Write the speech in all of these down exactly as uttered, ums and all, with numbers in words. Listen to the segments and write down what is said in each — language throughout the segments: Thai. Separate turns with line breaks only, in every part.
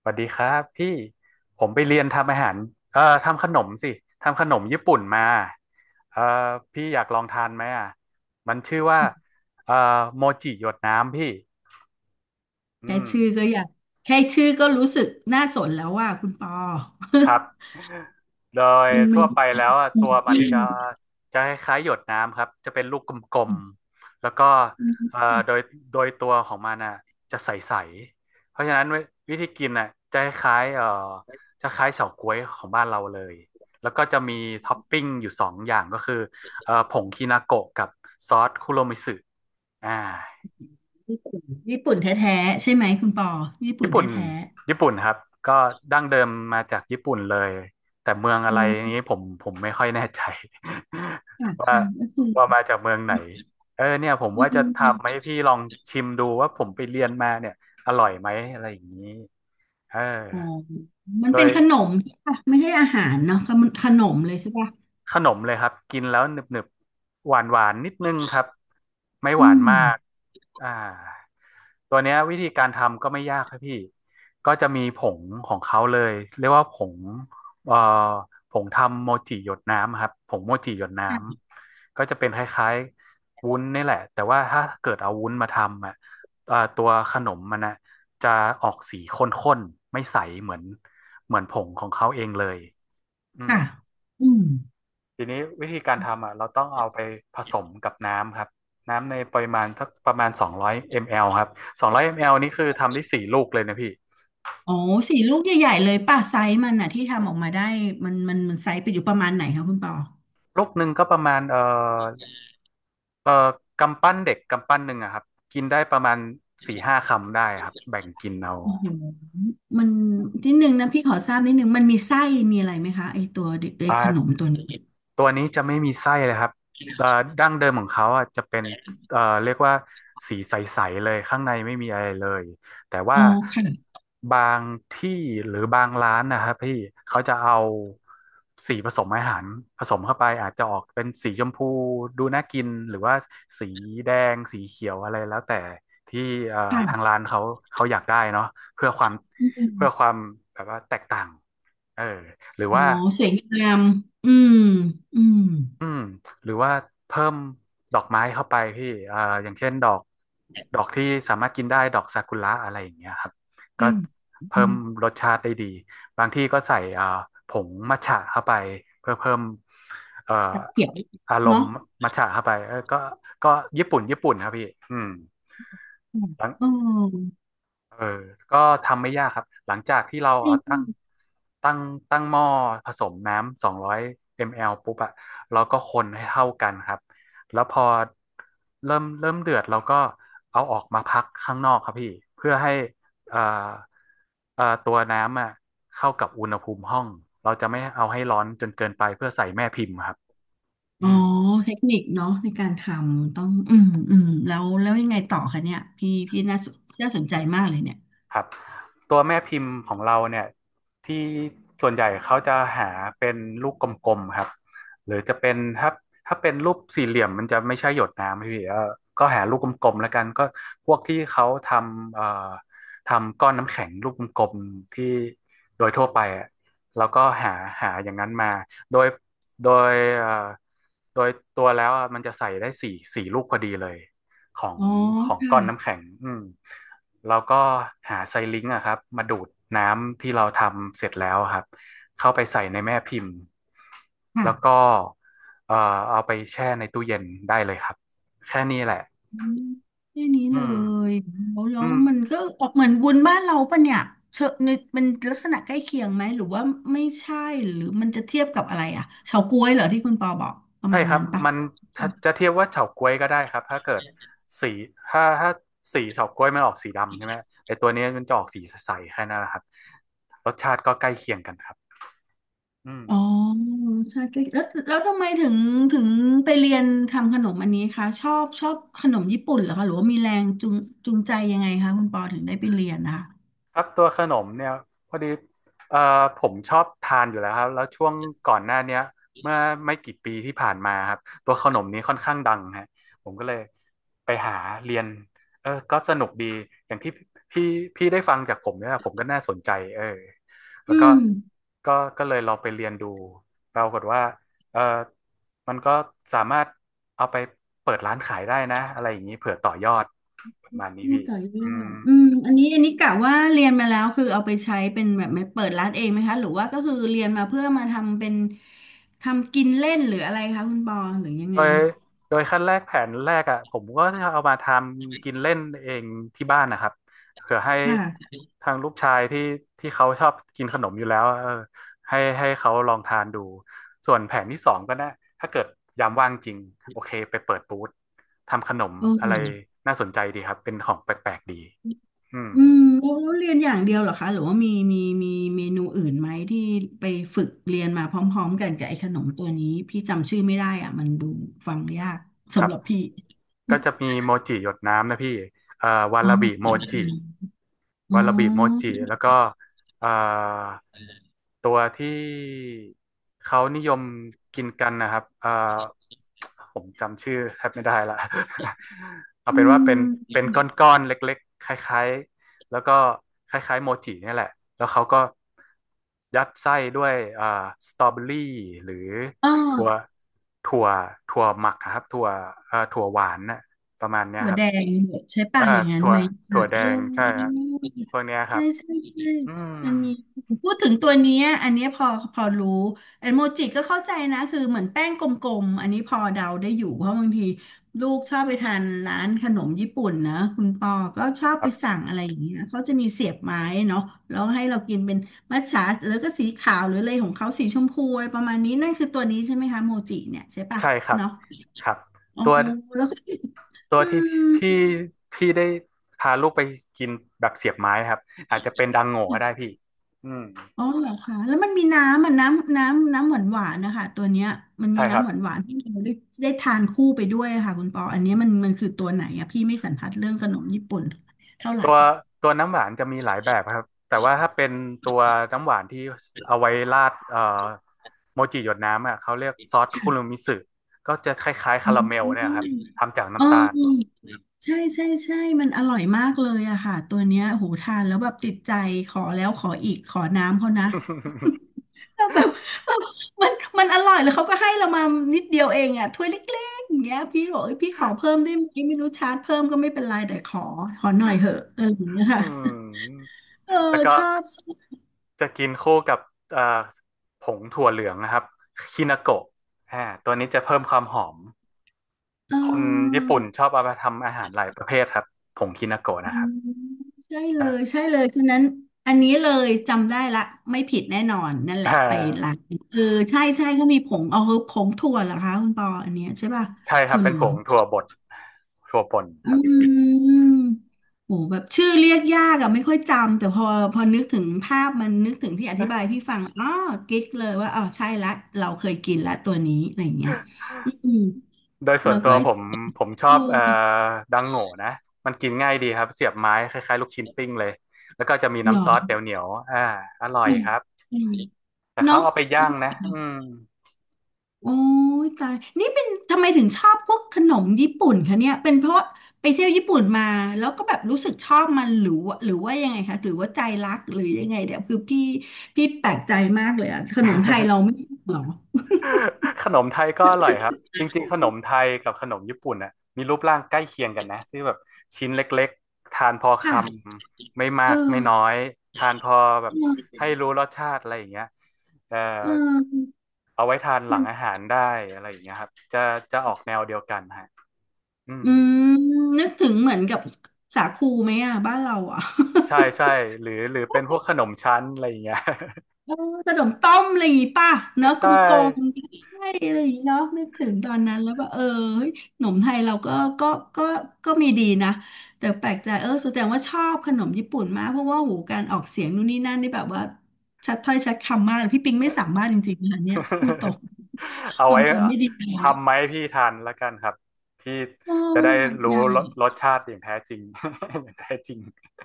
สวัสดีครับพี่ผมไปเรียนทำอาหารเอ่อทำขนมสิทำขนมญี่ปุ่นมาเอ่อพี่อยากลองทานไหมอ่ะมันชื่อว่าเอ่อโมจิหยดน้ำพี่อื
แค่
ม
ชื่อก็อยากแค่ชื่อก็รู้สึกน่าสนแล้วว่าคุณปอ
ครับ โดย
มันมั
ทั่
น
วไปแล้วอะตัวมันจะจะคล้ายๆหยดน้ำครับจะเป็นลูกกลมๆแล้วก็เอ่อโดยโดยตัวของมันน่ะจะใสๆเพราะฉะนั้นวิวิธีกินอ่ะจะคล้ายๆเอ่อจะคล้ายเฉาก๊วยของบ้านเราเลยแล้วก็จะมีท็อปปิ้งอยู่สองอย่างก็คือเอ่อผงคินาโกะกับซอสคุโรมิสึอ่า
ญี่ปุ่นญี่ปุ่นแท้ๆใช่ไหมคุณปอญี่ปุ่
ญี่
น
ปุ่น
แท้
ญี่ปุ่นครับก็ดั้งเดิมมาจากญี่ปุ่นเลยแต่เมือง
ๆ
อะ
อ๋
ไร
อ
นี้ผมผมไม่ค่อยแน่ใจ
ค่ะ
ว่า
ค่ะก็คือ
ว่ามาจากเมืองไหนเออเนี่ยผม
มั
ว่าจะทำให้
น
พี่ลองชิมดูว่าผมไปเรียนมาเนี่ยอร่อยไหมอะไรอย่างนี้เออ
มัน
โด
เป็น
ย
ขนมใช่ปะไม่ใช่อาหารเนาะขนมขนมเลยใช่ปะ
ขนมเลยครับกินแล้วหนึบๆหวานหวานนิดนึงครับไม่ห
อื
วาน
ม
มากอ่าตัวเนี้ยวิธีการทำก็ไม่ยากครับพี่ก็จะมีผงของเขาเลยเรียกว่าผงเอ่อผงทำโมจิหยดน้ำครับผงโมจิหยดน้ำก็จะเป็นคล้ายๆวุ้นนี่แหละแต่ว่าถ้าเกิดเอาวุ้นมาทำอ่ะเอ่อตัวขนมมันนะจะออกสีข้นๆไม่ใสเหมือนเหมือนผงของเขาเองเลยอืม
ค่ะอืม
ทีนี้วิธีการทำอ่ะเราต้องเอาไปผสมกับน้ำครับน้ำในปริมาณสักประมาณสองร้อยมิลลิลิตร ครับสองร้อยมิลลิลิตร นี่คือทำได้สี่ลูกเลยนะพี่
อ๋อสี่ลูกใหญ่ๆเลยป่ะไซส์มันอะที่ทำออกมาได้มันมันมันไซส์ไปอยู่ประมาณไหนคะคุณปอ
ลูกหนึ่งก็ประมาณเอ่อเอ่อกำปั้นเด็กกำปั้นหนึ่งอะครับกินได้ประมาณสี่ห้าคำได้ครับแบ่งกินเอา
โอ้โหมันนิดนึงนะพี่ขอทราบนิดนึงมันมีไส้มีอะไรไหมคะไอตัวเด็กไอ
อ่า
ขนมตัวนี้
ตัวนี้จะไม่มีไส้เลยครับเอ่อดั้งเดิมของเขาอ่ะจะเป็นเอ่อเรียกว่าสีใสๆเลยข้างในไม่มีอะไรเลยแต่ว่า
อ๋อค่ะ
บางที่หรือบางร้านนะครับพี่เขาจะเอาสีผสมอาหารผสมเข้าไปอาจจะออกเป็นสีชมพูดูน่ากินหรือว่าสีแดงสีเขียวอะไรแล้วแต่ที่เอ่อทาง
ค่ะ
ร้านเขาเขาอยากได้เนาะเพื่อความ
อืม
เพื่อความแบบว่าแตกต่างเออหรือ
อ๋อ
ว่า
สวยงามอืมอืม
อืมหรือว่าเพิ่มดอกไม้เข้าไปพี่เอ่ออย่างเช่นดอกดอกที่สามารถกินได้ดอกซากุระอะไรอย่างเงี้ยครับก็
ใช่อื
เพิ่ม
ม
รสชาติได้ดีบางที่ก็ใส่เอ่อผงมัทฉะเข้าไปเพื่อเพิ่มเอ่อ
จะเขียว
อารม
เนาะ
ณ์มัทฉะเข้าไปเออก็ก็ญี่ปุ่นญี่ปุ่นครับพี่อืม
ค่ะอ๋อ
เออก็ทำไม่ยากครับ หลังจากที่เรา
ใช่
เอา
ใช่
ตั้งตั้งตั้งหม้อผสมน้ำสองร้อยมลปุ๊บอะเราก็คนให้เท่ากันครับ แล้วพอเริ่มเริ่มเดือดเราก็เอาออกมาพักข้างนอกครับพี่เพื่อให้เอ่อเอ่อตัวน้ำอะเข้ากับอุณหภูมิห้องเราจะไม่เอาให้ร้อนจนเกินไปเพื่อใส่แม่พิมพ์ครับ
อ๋อ
อืม
เทคนิคเนาะในการทำต้องอืมอืมแล้วแล้วยังไงต่อคะเนี่ยพี่พี่น่าสนน่าสนใจมากเลยเนี่ย
ครับตัวแม่พิมพ์ของเราเนี่ยที่ส่วนใหญ่เขาจะหาเป็นลูกกลมๆครับหรือจะเป็นถ้าถ้าเป็นรูปสี่เหลี่ยมมันจะไม่ใช่หยดน้ำพี่เออก็หาลูกกลมๆแล้วกันก็พวกที่เขาทำเอ่อทำก้อนน้ำแข็งลูกกลมๆที่โดยทั่วไปอะแล้วก็หาหาอย่างนั้นมาโดยโดยเอ่อโดยตัวแล้วอะมันจะใส่ได้สี่สี่ลูกพอดีเลยของ
อ๋อ
ของ
ค่ะ
ก้อนน้ำแข็งอืม แล้วก็หาไซลิงก์อะครับมาดูดน้ำที่เราทำเสร็จแล้วครับเข้าไปใส่ในแม่พิมพ์แล้วก็
ค่ะ
เอ่อเอาไปแช่ในตู้เย็นได้เลยครับแค่นี้แหละ
อืมแค่นี้
อื
เล
ม
ยแล้วแล้ว
อืม
มันก็ออกเหมือนวุ้นบ้านเราปะเนี่ยเชอะในเป็นลักษณะใกล้เคียงไหมหรือว่าไม่ใช่หรือมันจะเทียบกับอะไรอ่ะเฉาก๊วยเหรอที่คุณปอบอกประ
ใช่
มาณ
ครับ
นั้นปะ
มันจะจะเทียบว่าเฉาก๊วยก็ได้ครับถ้าเกิดสีถ้าถ้าสีเฉาก๊วยมันออกสีดำใช่ไหมไอตัวนี้มันจะออกสีใสๆแค่นั้นแหละครับรสชาติก็ใกล้เคียงกันครับอืม
อ๋อใช่ใกล้แล้วแล้วทำไมถึงถึงไปเรียนทำขนมอันนี้คะชอบชอบขนมญี่ปุ่นเหรอคะหรือว่ามีแรงจูงจูงใจยังไงคะคุณปอถึงได้ไปเรียนนะคะ
ครับตัวขนมเนี่ยพอดีเอ่อผมชอบทานอยู่แล้วครับแล้วช่วงก่อนหน้าเนี้ยเมื่อไม่กี่ปีที่ผ่านมาครับตัวขนมนี้ค่อนข้างดังฮะผมก็เลยไปหาเรียนเออก็สนุกดีอย่างที่พี่พี่ได้ฟังจากผมเนี่ยผมก็น่าสนใจเออแล้
อื
วก็
ม
ก็ก็เลยลองไปเรียนดูปรากฏว่าเออมันก็สามารถเอาไปเปิดร้านขายได้นะอะไรอย่างนี้เผื่อต่อยอดประมาณนี้
ลู
พี่
กไก่
อื
ย่าอ
ม
ดอืมอันนี้อันนี้กะว่าเรียนมาแล้วคือเอาไปใช้เป็นแบบไม่เปิดร้านเองไหมคะหรือว่าก็คือเรียนมาเพื่อมาทำเป็นทำกินเล่นหรืออะไรคะคุณปอหรือยัง
โด
ไง
ยโดยขั้นแรกแผนแรกอ่ะผมก็จะเอามาทำกินเล่นเองที่บ้านนะครับเผื่อให้
ค่ะ
ทางลูกชายที่ที่เขาชอบกินขนมอยู่แล้วเออให้ให้เขาลองทานดูส่วนแผนที่สองก็นะถ้าเกิดยามว่างจริงโอเคไปเปิดบูธทำขนม
โอ
อะ
เค
ไรน่าสนใจดีครับเป็นของแปลกๆดีอืม
อืมแล้วเรียนอย่างเดียวเหรอคะหรือว่ามีมีมีเมนูอื่นไหมที่ไปฝึกเรียนมาพร้อมๆกันกับไอ้ขนมตัวนี้พี่จำชื่อไม่ได้อ่ะมันดูฟังยาก
ครั
สำ
บ
หรับพี่
ก็จะมีโมจิหยดน้ำนะพี่เอ่อวา
อ๋อ
ลาบิโมจิ
อ๋
วาลาบิโม
อ
จิแล้วก็เอ่อตัวที่เขานิยมกินกันนะครับเอ่อผมจำชื่อแทบไม่ได้ละ เอา
อื
เป็นว่าเป็น
ม
เป็นก้อนๆเล็กๆคล้ายๆแล้วก็คล้ายๆโมจิเนี่ยแหละแล้วเขาก็ยัดไส้ด้วยเอ่อสตรอเบอรี่หรือ
อ๋อ
ถั่วถั่วถั่วหมักอะครับถั่วเอ่อถั่วหวานน่ะประมาณเนี้ย
หัว
ครั
แด
บ
งใช่ป่ะ
อ่า
อย่างนั้น
ถั่ว
ไหมเอ
ถั่วแดงใช่ครับ
อ
พวกเนี้ยค
ใช่
รับ
ใช่ใช่
อืม
มันมีพูดถึงตัวเนี้ยอันเนี้ยพอพอรู้แอนโมจิก็เข้าใจนะคือเหมือนแป้งกลมๆอันนี้พอเดาได้อยู่เพราะบางทีลูกชอบไปทานร้านขนมญี่ปุ่นนะคุณปอก็ชอบ
ค
ไป
รับ
สั่งอะไรอย่างเงี้ยเขาจะมีเสียบไม้เนาะแล้วให้เรากินเป็นมัทฉะหรือก็สีขาวหรืออะไรของเขาสีชมพูอะไรประมาณนี้นั่นคือตัวนี้ใช่ไหมคะโมจิเนี่ยใช่ป่ะ
ใช่ครับ
เนาะ
ครับ
อ๋อ
ตัว
แล้วก็
ตัว
อื
ที่พี่
ม
พี่ได้พาลูกไปกินแบบเสียบไม้ครับอาจจะเป็นดังโง่ก็ได้พี่อืม
อ๋อเหรอคะแล้วมันมีน้ำอ่ะน้ำน้ำน้ำหวานหวานนะคะตัวเนี้ยมันมี
ใช่ครั
น้ำ
บ
หวานหวานที่เราได้ได้ทานคู่ไปด้วยค่ะคุณปออันเนี้ยมันมันคือตัวไหนอะพี่ไม่สันทัดเรื่องขนมญี่ปุ่นเท่าไหร่
ตัวตัวน้ำหวานจะมีหลายแบบครับแต่ว่าถ้าเป็นตัวน้ำหวานที่เอาไว้ราดเอ่อโมจิหยดน้ำอ่ะเขาเรียกซอสคุรุ
ค่ะ
มิสึก็จะคล้ายๆ
อื
คารา
ม
เมลเนี่ยครับทำจาก
เออ
น้ำตาล
ใช่ใช่ใช่มันอร่อยมากเลยอะค่ะ ตัวเนี้ยโหทานแล้วแบบติดใจ ขอแล้วขออีกขอน้ำเขานะ แวบบแบบมันมันอร่อยแล้วเขาก็ให้เรามานิดเดียวเองอะถ้วยเล็กๆอย่างเงี้ยพี่บอกเอ้ยพี่ขอเพิ่มได้ไหมไม่รู้ชาร์จเพิ่มก็ไม่เป็นไร แต่ขอขอหน่อยเหอะอะไรอย่างเงี้ย
อื
ค่ะ
ม
เออ
แล้วก็
ชอบชอบ
จะกินคู่กับเอ่อผงถั่วเหลืองนะครับคินาโกะอ่าตัวนี้จะเพิ่มความหอม
เ
คนญี่ปุ่น
ออ
ชอบเอามาทำอาหารหลายประเภทครับผงคินาโกะ
อื
นะครั
ม
บ
ใช่เล
ใช่
ยใช่เลยฉะนั้นอันนี้เลยจำได้ละไม่ผิดแน่นอนนั่นแห
อ่
ละไปร้า
า
นเออใช่ใช่เขามีผงเอาคือผงถั่วเหรอคะคุณปออันเนี้ยใช่ป่ะ
ใช่ครั
ถั่
บ
วเห
เป็
ลื
นผ
อง
งถั่วบดถั่วป่น
อื
ครับ
มโหแบบชื่อเรียกยากอะไม่ค่อยจำแต่พอพอนึกถึงภาพมันนึกถึงที่อธิบายพี่ฟังอ๋อกิ๊กเลยว่าอ๋อใช่ละเราเคยกินละตัวนี้อะไรอย่างเงี้ยอืม
โดยส่
แล้
วน
ว
ตั
ก็
ว
ไอ้
ผมผมช
เอ
อ
อ
บเอ่อดังโง่นะมันกินง่ายดีครับเสียบไม้คล้ายๆลูกชิ้นปิ้งเลยแล้วก็จะมี
หร
น้ำซอส
อ
เดี๋ยวเหนียวๆอ่าอร่อย
อืม
ครับ
อืม
แต่เขา
เนาะ
เอาไปย่างนะอืม
โอ้ยตายนี่เป็นทำไมถึงชอบพวกขนมญี่ปุ่นคะเนี่ยเป็นเพราะไปเที่ยวญี่ปุ่นมาแล้วก็แบบรู้สึกชอบมันหรือว่าหรือว่ายังไงคะ หรือว่าใจรักหรือยังไงเดี๋ยวคือพี่พี่แปลกใจมากเลยอะขนมไทยเราไม่ชอบเหรอ
ขนมไทยก็อร่อยครับจริงๆขนมไทยกับขนมญี่ปุ่นน่ะมีรูปร่างใกล้เคียงกันนะที่แบบชิ้นเล็กๆทานพอค
ค่ะ
ำไม่มา
เอ
กไม่
อ
น้อยทานพอแบ
เ
บให้
ออ
รู้รสชาติอะไรอย่างเงี้ยเอ่อ
เออ
เอาไว้ทานหลั
มัน
งอาหารได้อะไรอย่างเงี้ยครับจะจะออกแนวเดียวกันฮะอื
อื
ม
มนึกถึงเหมือนกับสาคูไหมอะบ้านเราอะ
ใช่ใช่หรือหรือเป็นพวกขนมชั้นอะไรอย่างเงี้ย
ขนมต้มอะไรอย่างงี้ป่ะเนอะ ก
ใช่
ลมๆใช่อะไรอย่างงี้เนาะนึกถึงตอนนั้นแล้วว่าเออเฮ้ยขนมไทยเราก็ก็ก็ก็มีดีนะแต่แปลกใจเออแสดงว่าชอบขนมญี่ปุ่นมากเพราะว่าหูการออกเสียงนู่นนี่นั่นนี่แบบว่าชัดถ้อยชัดคำมากพี่ปิงไม่สามารถจริงๆนะคะเนี่ยพูดตรง
เอา
ควา
ไว้
มจำไม่ดีพอ
ทำไหมพี่ทานละกันครับพี่
โอ้
จะได้
อยาก
รู้
อยา
ร
ก
สรสชาติอย่างแท้จริง อย่างแท้จริง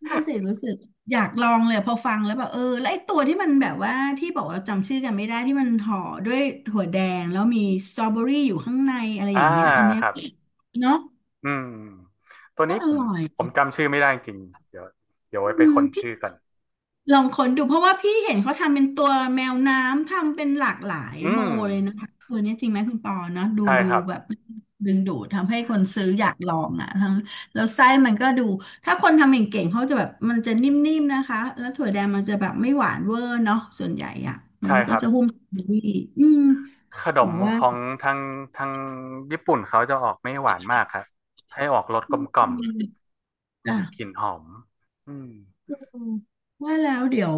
นี่นน่ะสิรู้สึกอยากลองเลยพอฟังแล้วแบบเออแล้วไอ้ตัวที่มันแบบว่าที่บอกว่าจำชื่อกันไม่ได้ที่มันห่อด้วยถั่วแดงแล้วมีสตรอเบอรี่อยู่ข้างในอะไร
อ่า
อย่างเงี้ยอันเนี้ย
ครับ
เนาะ
อืมตัว
ก็
นี้
อ
ผม
ร่อย
ผมจำชื่อไม่ได้จริงเดี๋ยวเดี๋ยวไว้ไป
อืม
ค้นชื่อกัน
ลองค้นดูเพราะว่าพี่เห็นเขาทำเป็นตัวแมวน้ำทำเป็นหลากหลาย
อื
โม
ม
เลยนะคะตัวนี้จริงไหมคุณปอเนาะดู
ใช่
ดู
ครับ
แบบดึงดูดทำให้คนซื้ออยากลองอ่ะทั้งแล้วไส้มันก็ดูถ้าคนทำเก่งๆเขาจะแบบมันจะนิ่มๆนะคะแล้วถั่วแดงมันจะแบบไม่หวานเวอร์เนาะส่วนใหญ่อ่ะ
ใช่
มัน
ค
ก็
รับ
จะหุ้มสตรอเบอรี่อืม
ขน
บอ
ม
กว่า
ของทางทางญี่ปุ่นเขาจะออกไม่หวานมากครับให้ออกรสกลมกล่อ
อื
ม
มจ้ะ
มีกลิ่นหอมอืม
อืมว่าแล้วเดี๋ยว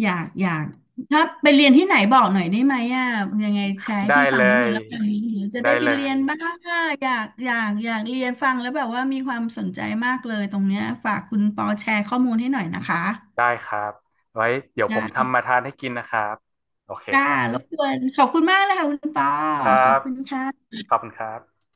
อยากอยากถ้าไปเรียนที่ไหนบอกหน่อยได้ไหมอ่ะยังไงแชร์ให้
ได้
พี่ฟั
เล
งนิดนึ
ย
งแล้วกันเดี๋ยวจะ
ได้
ได้ไป
เล
เรีย
ย
นบ้างอ่ะอยากอยากอยากเรียนฟังแล้วแบบว่ามีความสนใจมากเลยตรงเนี้ยฝากคุณปอแชร์ข้อมูลให้หน่อยนะคะ
ได้ครับไว้เดี๋ยวผ
ได้
ม
า
ทำมาทานให้กินนะครับโอเค
จ้า
ครั
ร
บ
บกวนขอบคุณมากเลยค่ะคุณปอ
ครั
ขอบ
บ
คุณค่ะ
ขอบคุณครับ